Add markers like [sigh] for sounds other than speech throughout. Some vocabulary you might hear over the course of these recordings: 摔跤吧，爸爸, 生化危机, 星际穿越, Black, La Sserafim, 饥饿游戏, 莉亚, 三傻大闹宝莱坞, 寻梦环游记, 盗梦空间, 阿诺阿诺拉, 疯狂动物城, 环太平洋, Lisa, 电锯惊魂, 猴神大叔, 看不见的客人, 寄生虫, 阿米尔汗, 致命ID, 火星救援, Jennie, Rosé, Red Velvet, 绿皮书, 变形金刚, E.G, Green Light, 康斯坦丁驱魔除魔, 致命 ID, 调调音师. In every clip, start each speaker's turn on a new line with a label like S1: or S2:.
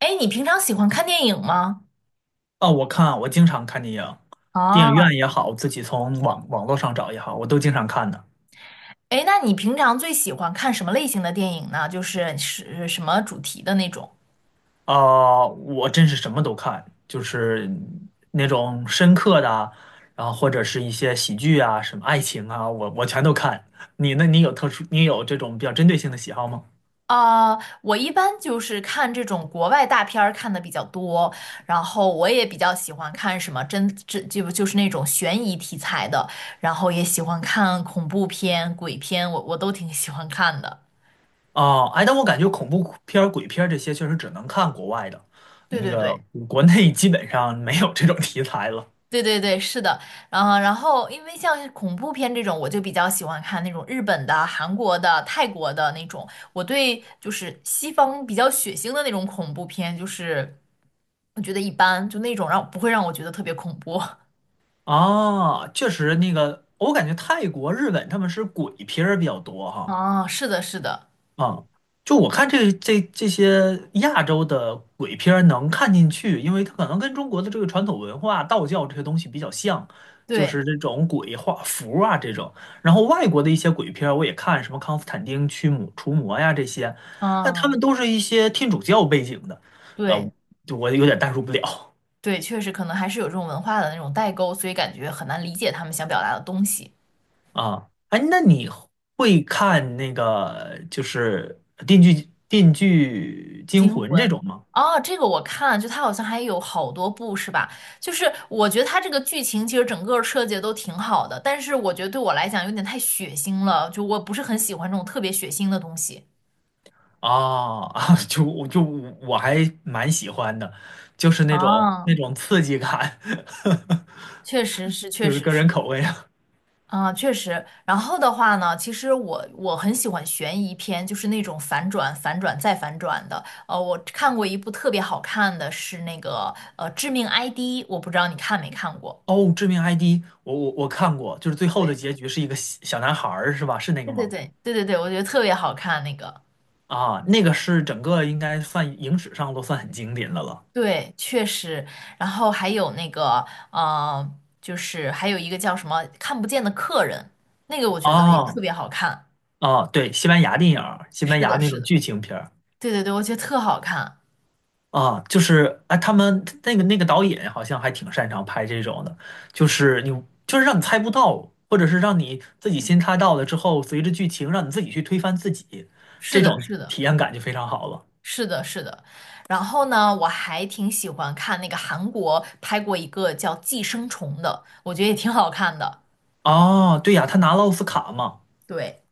S1: 哎，你平常喜欢看电影吗？
S2: 哦，我经常看电影，电影院
S1: 啊，
S2: 也好，自己从网络上找也好，我都经常看的。
S1: 哎，那你平常最喜欢看什么类型的电影呢？就是什么主题的那种？
S2: 啊，我真是什么都看，就是那种深刻的啊，然后或者是一些喜剧啊，什么爱情啊，我全都看。你呢？你有这种比较针对性的喜好吗？
S1: 啊、我一般就是看这种国外大片儿看的比较多，然后我也比较喜欢看什么真就是那种悬疑题材的，然后也喜欢看恐怖片、鬼片，我都挺喜欢看的。
S2: 哦，哎，但我感觉恐怖片儿、鬼片儿这些确实只能看国外的，
S1: 对
S2: 那
S1: 对
S2: 个
S1: 对。
S2: 国内基本上没有这种题材了。
S1: 对对对，是的，然后因为像是恐怖片这种，我就比较喜欢看那种日本的、韩国的、泰国的那种。我对就是西方比较血腥的那种恐怖片，就是我觉得一般，就那种让不会让我觉得特别恐怖。
S2: 啊，确实，那个我感觉泰国、日本他们是鬼片儿比较多
S1: [laughs]
S2: 哈。
S1: 啊，是的，是的，
S2: 啊，就我看这些亚洲的鬼片儿能看进去，因为它可能跟中国的这个传统文化、道教这些东西比较像，就
S1: 对，
S2: 是这种鬼画符啊这种。然后外国的一些鬼片儿我也看，什么《康斯坦丁驱魔除魔》呀这些，那他们
S1: 嗯，
S2: 都是一些天主教背景的，呃，
S1: 对
S2: 就我有点代入不了。
S1: 对，确实可能还是有这种文化的那种代沟，所以感觉很难理解他们想表达的东西。
S2: 啊，哎，那你会看那个就是《电锯惊
S1: 惊
S2: 魂》这
S1: 魂
S2: 种吗？
S1: 哦，这个我看就它好像还有好多部是吧？就是我觉得它这个剧情其实整个设计得都挺好的，但是我觉得对我来讲有点太血腥了，就我不是很喜欢这种特别血腥的东西。
S2: [laughs] 啊啊，[laughs] 就我还蛮喜欢的，就是那种那
S1: 啊，
S2: 种刺激感，
S1: 确实是，
S2: [laughs]
S1: 确
S2: 就是
S1: 实
S2: 个
S1: 是，
S2: 人口味啊。
S1: 啊，确实。然后的话呢，其实我很喜欢悬疑片，就是那种反转、反转再反转的。我看过一部特别好看的是那个《致命 ID》，我不知道你看没看过。
S2: 哦，《致命 ID》我看过，就是最后的
S1: 对。
S2: 结局是一个小小男孩儿是吧？是那个
S1: 对对
S2: 吗？
S1: 对对对对，我觉得特别好看那个，
S2: 啊，那个是整个应该算影史上都算很经典的了。
S1: 对，确实。然后还有那个，就是还有一个叫什么“看不见的客人”，那个我觉得也特
S2: 啊
S1: 别好看。
S2: 啊，对，西班牙电影儿，西班
S1: 是
S2: 牙
S1: 的，
S2: 那
S1: 是
S2: 种
S1: 的，
S2: 剧情片儿。
S1: 对对对，我觉得特好看。
S2: 啊，就是哎，他们那个导演好像还挺擅长拍这种的，就是你就是让你猜不到，或者是让你自己先猜到了之后，随着剧情让你自己去推翻自己，
S1: 是
S2: 这
S1: 的，
S2: 种
S1: 是的，
S2: 体验感就非常好了。
S1: 是的，是的。然后呢，我还挺喜欢看那个韩国拍过一个叫《寄生虫》的，我觉得也挺好看的。
S2: 哦，对呀，他拿了奥斯卡嘛，
S1: 对，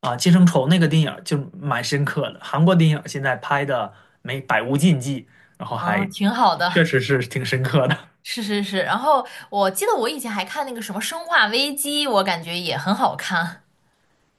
S2: 啊，《寄生虫》那个电影儿就蛮深刻的，韩国电影儿现在拍的没百无禁忌，然后还
S1: 嗯，挺好
S2: 确
S1: 的。
S2: 实是挺深刻的。
S1: 是是是。然后我记得我以前还看那个什么《生化危机》，我感觉也很好看。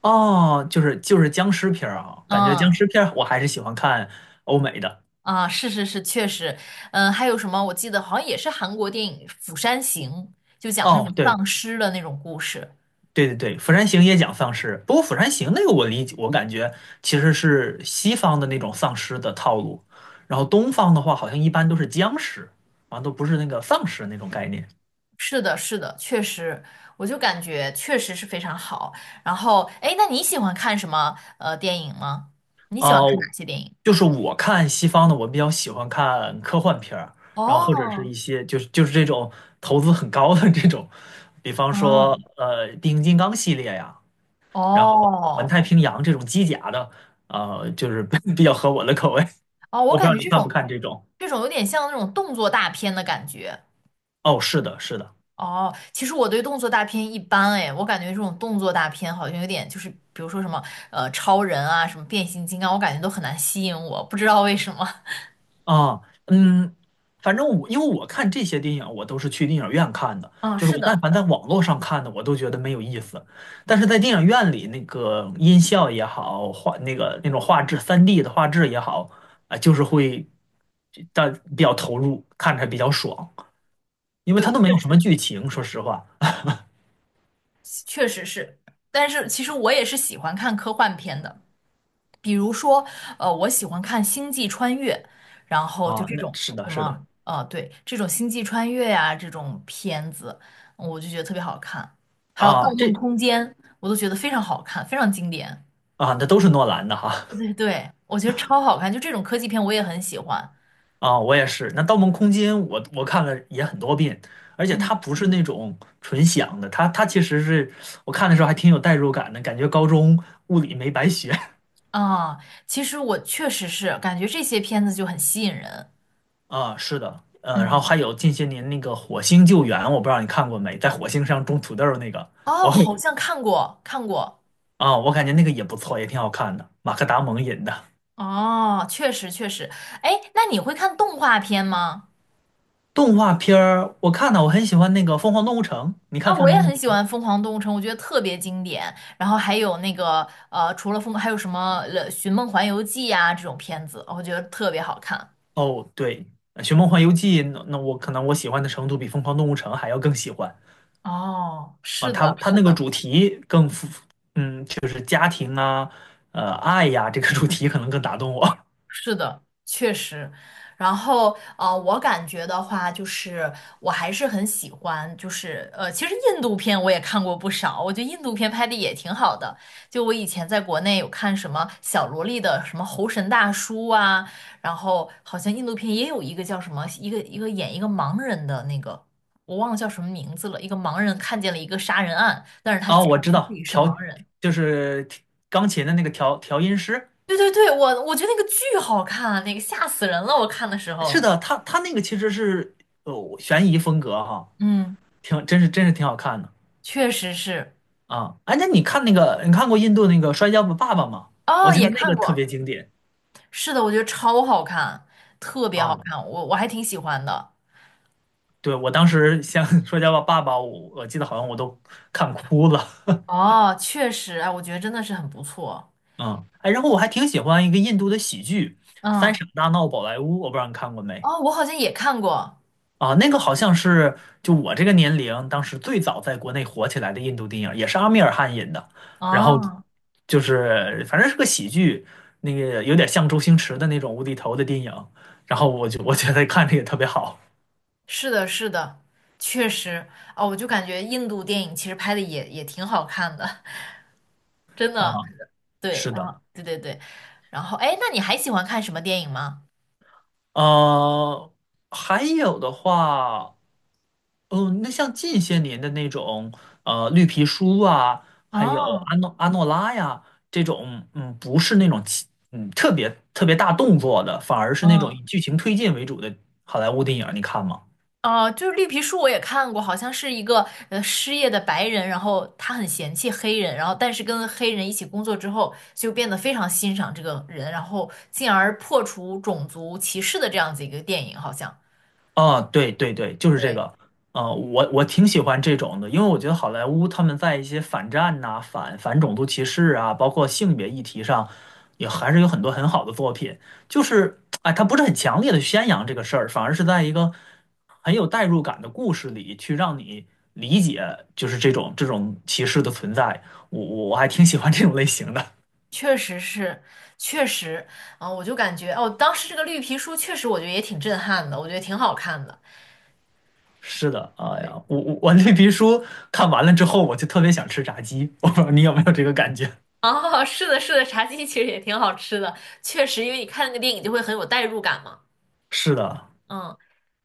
S2: 哦，就是僵尸片儿啊，感觉僵
S1: 嗯
S2: 尸片儿我还是喜欢看欧美的。
S1: 啊，是是是，确实。嗯，还有什么？我记得好像也是韩国电影《釜山行》，就讲那
S2: 哦，
S1: 种
S2: 对。
S1: 丧尸的那种故事。
S2: 对对对，《釜山行》也讲丧尸，不过《釜山行》那个我理解，我感觉其实是西方的那种丧尸的套路，然后东方的话好像一般都是僵尸，好都不是那个丧尸那种概念。
S1: 是的，是的，确实，我就感觉确实是非常好。然后，哎，那你喜欢看什么电影吗？你喜欢看
S2: 哦，
S1: 哪些电影？
S2: 就是我看西方的，我比较喜欢看科幻片儿，然后或者是
S1: 哦，
S2: 一些就是这种投资很高的这种，比方说
S1: 嗯，
S2: 《变形金刚》系列呀，然后《环
S1: 哦，
S2: 太平洋》这种机甲的，就是 [laughs] 比较合我的口味。
S1: 哦，我
S2: 我不知
S1: 感
S2: 道
S1: 觉
S2: 你
S1: 这
S2: 看不
S1: 种
S2: 看这种。
S1: 这种有点像那种动作大片的感觉，
S2: 哦，是的，是的，
S1: 哦，其实我对动作大片一般哎，我感觉这种动作大片好像有点就是，比如说什么超人啊，什么变形金刚，我感觉都很难吸引我，不知道为什么。[laughs]
S2: 啊，嗯，反正我因为我看这些电影，我都是去电影院看的，
S1: 嗯，
S2: 就是
S1: 是
S2: 我但
S1: 的。
S2: 凡在网络上看的，我都觉得没有意思。但是在电影院里，那个音效也好，那种画质3D 的画质也好，啊，就是会但比较投入，看着比较爽，因为
S1: 对，
S2: 它都没
S1: 确
S2: 有什么
S1: 实，
S2: 剧情，说实话。
S1: 确实是。但是其实我也是喜欢看科幻片的，比如说我喜欢看《星际穿越》，然后就
S2: 啊，
S1: 这
S2: 那
S1: 种
S2: 是的，
S1: 什
S2: 是的，
S1: 么对，这种《星际穿越》呀这种片子，我就觉得特别好看。还有《盗
S2: 啊，
S1: 梦空间》，我都觉得非常好看，非常经典。
S2: 那都是诺兰的哈。
S1: 对对，我觉得超好看，就这种科技片我也很喜欢。
S2: 啊，我也是。那《盗梦空间》我看了也很多遍，而且
S1: 嗯
S2: 它不是那种纯想的，它其实是我看的时候还挺有代入感的，感觉高中物理没白学
S1: 啊，其实我确实是感觉这些片子就很吸引人。
S2: [laughs] 啊。是的，然后还
S1: 嗯，
S2: 有近些年那个《火星救援》，我不知道你看过没，在火星上种土豆儿那个，
S1: 哦，
S2: 我
S1: 好像看过看过，
S2: 我感觉那个也不错，也挺好看的，马克·达蒙演的。
S1: 哦，确实确实。哎，那你会看动画片吗？
S2: 动画片儿我看了，我很喜欢那个《疯狂动物城》，你
S1: 啊，
S2: 看《疯
S1: 我
S2: 狂
S1: 也
S2: 动物
S1: 很
S2: 城》？
S1: 喜欢《疯狂动物城》，我觉得特别经典。然后还有那个除了疯，还有什么《寻梦环游记》呀这种片子，我觉得特别好看。
S2: 哦，对，《寻梦环游记》那我可能我喜欢的程度比《疯狂动物城》还要更喜欢。
S1: 哦，
S2: 啊，
S1: 是
S2: 他
S1: 的，
S2: 他
S1: 是
S2: 那个
S1: 的。
S2: 主题更符，嗯，就是家庭啊，爱呀，这个主题可能更打动我。
S1: 是的，确实。然后，我感觉的话，就是我还是很喜欢，就是其实印度片我也看过不少，我觉得印度片拍的也挺好的。就我以前在国内有看什么小萝莉的什么《猴神大叔》啊，然后好像印度片也有一个叫什么，一个演一个盲人的那个，我忘了叫什么名字了。一个盲人看见了一个杀人案，但是
S2: [laughs]
S1: 他
S2: 哦，
S1: 假
S2: 我知
S1: 装自
S2: 道
S1: 己是盲人。
S2: 就是钢琴的那个调音师，
S1: 对对对，我觉得那个巨好看啊，那个吓死人了，我看的时
S2: 是
S1: 候。
S2: 的，他那个其实是悬疑风格哈，
S1: 嗯，
S2: 挺真是挺好看的
S1: 确实是。
S2: 啊。哎，那你看那个你看过印度那个《摔跤吧，爸爸》吗？
S1: 哦，
S2: 我觉
S1: 也
S2: 得那
S1: 看
S2: 个特别
S1: 过。
S2: 经典
S1: 是的，我觉得超好看，特别好
S2: 啊。
S1: 看，我还挺喜欢的。
S2: 对，我当时像《<laughs> 摔跤吧，爸爸》，我记得好像我都看哭了。
S1: 哦，确实，哎，我觉得真的是很不错。
S2: 嗯，哎，然后我还挺喜欢一个印度的喜剧《三
S1: 嗯，
S2: 傻大闹宝莱坞》，我不知道你看过没
S1: 哦，我好像也看过。
S2: 啊？那个好像是就我这个年龄，当时最早在国内火起来的印度电影，也是阿米尔汗演的。然后
S1: 哦，
S2: 就是反正是个喜剧，那个有点像周星驰的那种无厘头的电影。然后我觉得看着也特别好
S1: 是的，是的，确实。哦，我就感觉印度电影其实拍的也挺好看的，[laughs] 真
S2: 啊。
S1: 的。对，
S2: 是的，
S1: 啊，对对对。然后，哎，那你还喜欢看什么电影吗？
S2: 呃，还有的话。哦，那像近些年的那种，绿皮书啊，还有
S1: 哦，
S2: 阿诺拉呀，这种，不是那种特别特别大动作的，反而是那种以
S1: 嗯。
S2: 剧情推进为主的好莱坞电影，你看吗？
S1: 哦，就是绿皮书我也看过，好像是一个失业的白人，然后他很嫌弃黑人，然后但是跟黑人一起工作之后，就变得非常欣赏这个人，然后进而破除种族歧视的这样子一个电影，好像。
S2: 啊，对对对，就是这
S1: 对，
S2: 个。啊，我挺喜欢这种的，因为我觉得好莱坞他们在一些反战呐、反种族歧视啊，包括性别议题上，也还是有很多很好的作品。就是哎，他不是很强烈的宣扬这个事儿，反而是在一个很有代入感的故事里去让你理解，就是这种歧视的存在。我还挺喜欢这种类型的。
S1: 确实是，确实，啊、我就感觉哦，当时这个绿皮书确实我觉得也挺震撼的，我觉得挺好看的。
S2: 是的，哎呀，我那皮书看完了之后，我就特别想吃炸鸡，我不知道你有没有这个感觉。
S1: [laughs] 哦，是的，是的，茶鸡其实也挺好吃的，确实，因为你看那个电影就会很有代入感嘛。
S2: 是的，
S1: 嗯。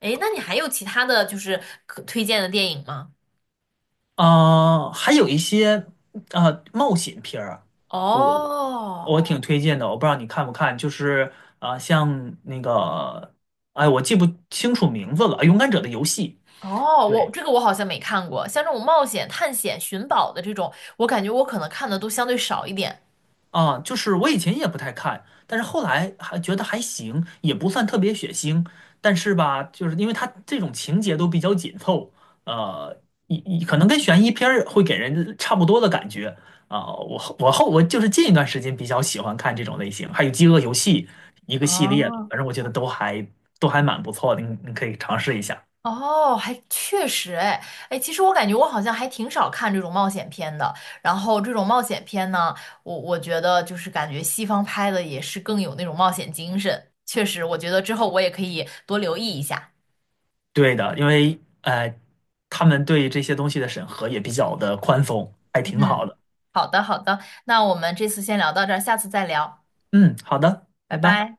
S1: 诶，那你还有其他的就是可推荐的电影吗？
S2: 啊，还有一些冒险片儿，我
S1: 哦
S2: 挺推荐的。我不知道你看不看，就是啊，像那个，哎，我记不清楚名字了，《勇敢者的游戏》。
S1: 哦，我
S2: 对，
S1: 这个我好像没看过，像这种冒险、探险、寻宝的这种，我感觉我可能看的都相对少一点。
S2: 啊，就是我以前也不太看，但是后来还觉得还行，也不算特别血腥，但是吧，就是因为它这种情节都比较紧凑，呃，可能跟悬疑片儿会给人差不多的感觉啊。我就是近一段时间比较喜欢看这种类型，还有《饥饿游戏》一个系列的，
S1: 哦，
S2: 反正我觉得都还蛮不错的，你可以尝试一下。
S1: 哦，还确实，哎，哎，其实我感觉我好像还挺少看这种冒险片的。然后这种冒险片呢，我觉得就是感觉西方拍的也是更有那种冒险精神。确实，我觉得之后我也可以多留意一下。
S2: 对的，因为他们对这些东西的审核也比较的宽松，还挺好
S1: 嗯，
S2: 的。
S1: 好的好的，那我们这次先聊到这儿，下次再聊，
S2: 嗯，好的，
S1: 拜
S2: 拜拜。
S1: 拜。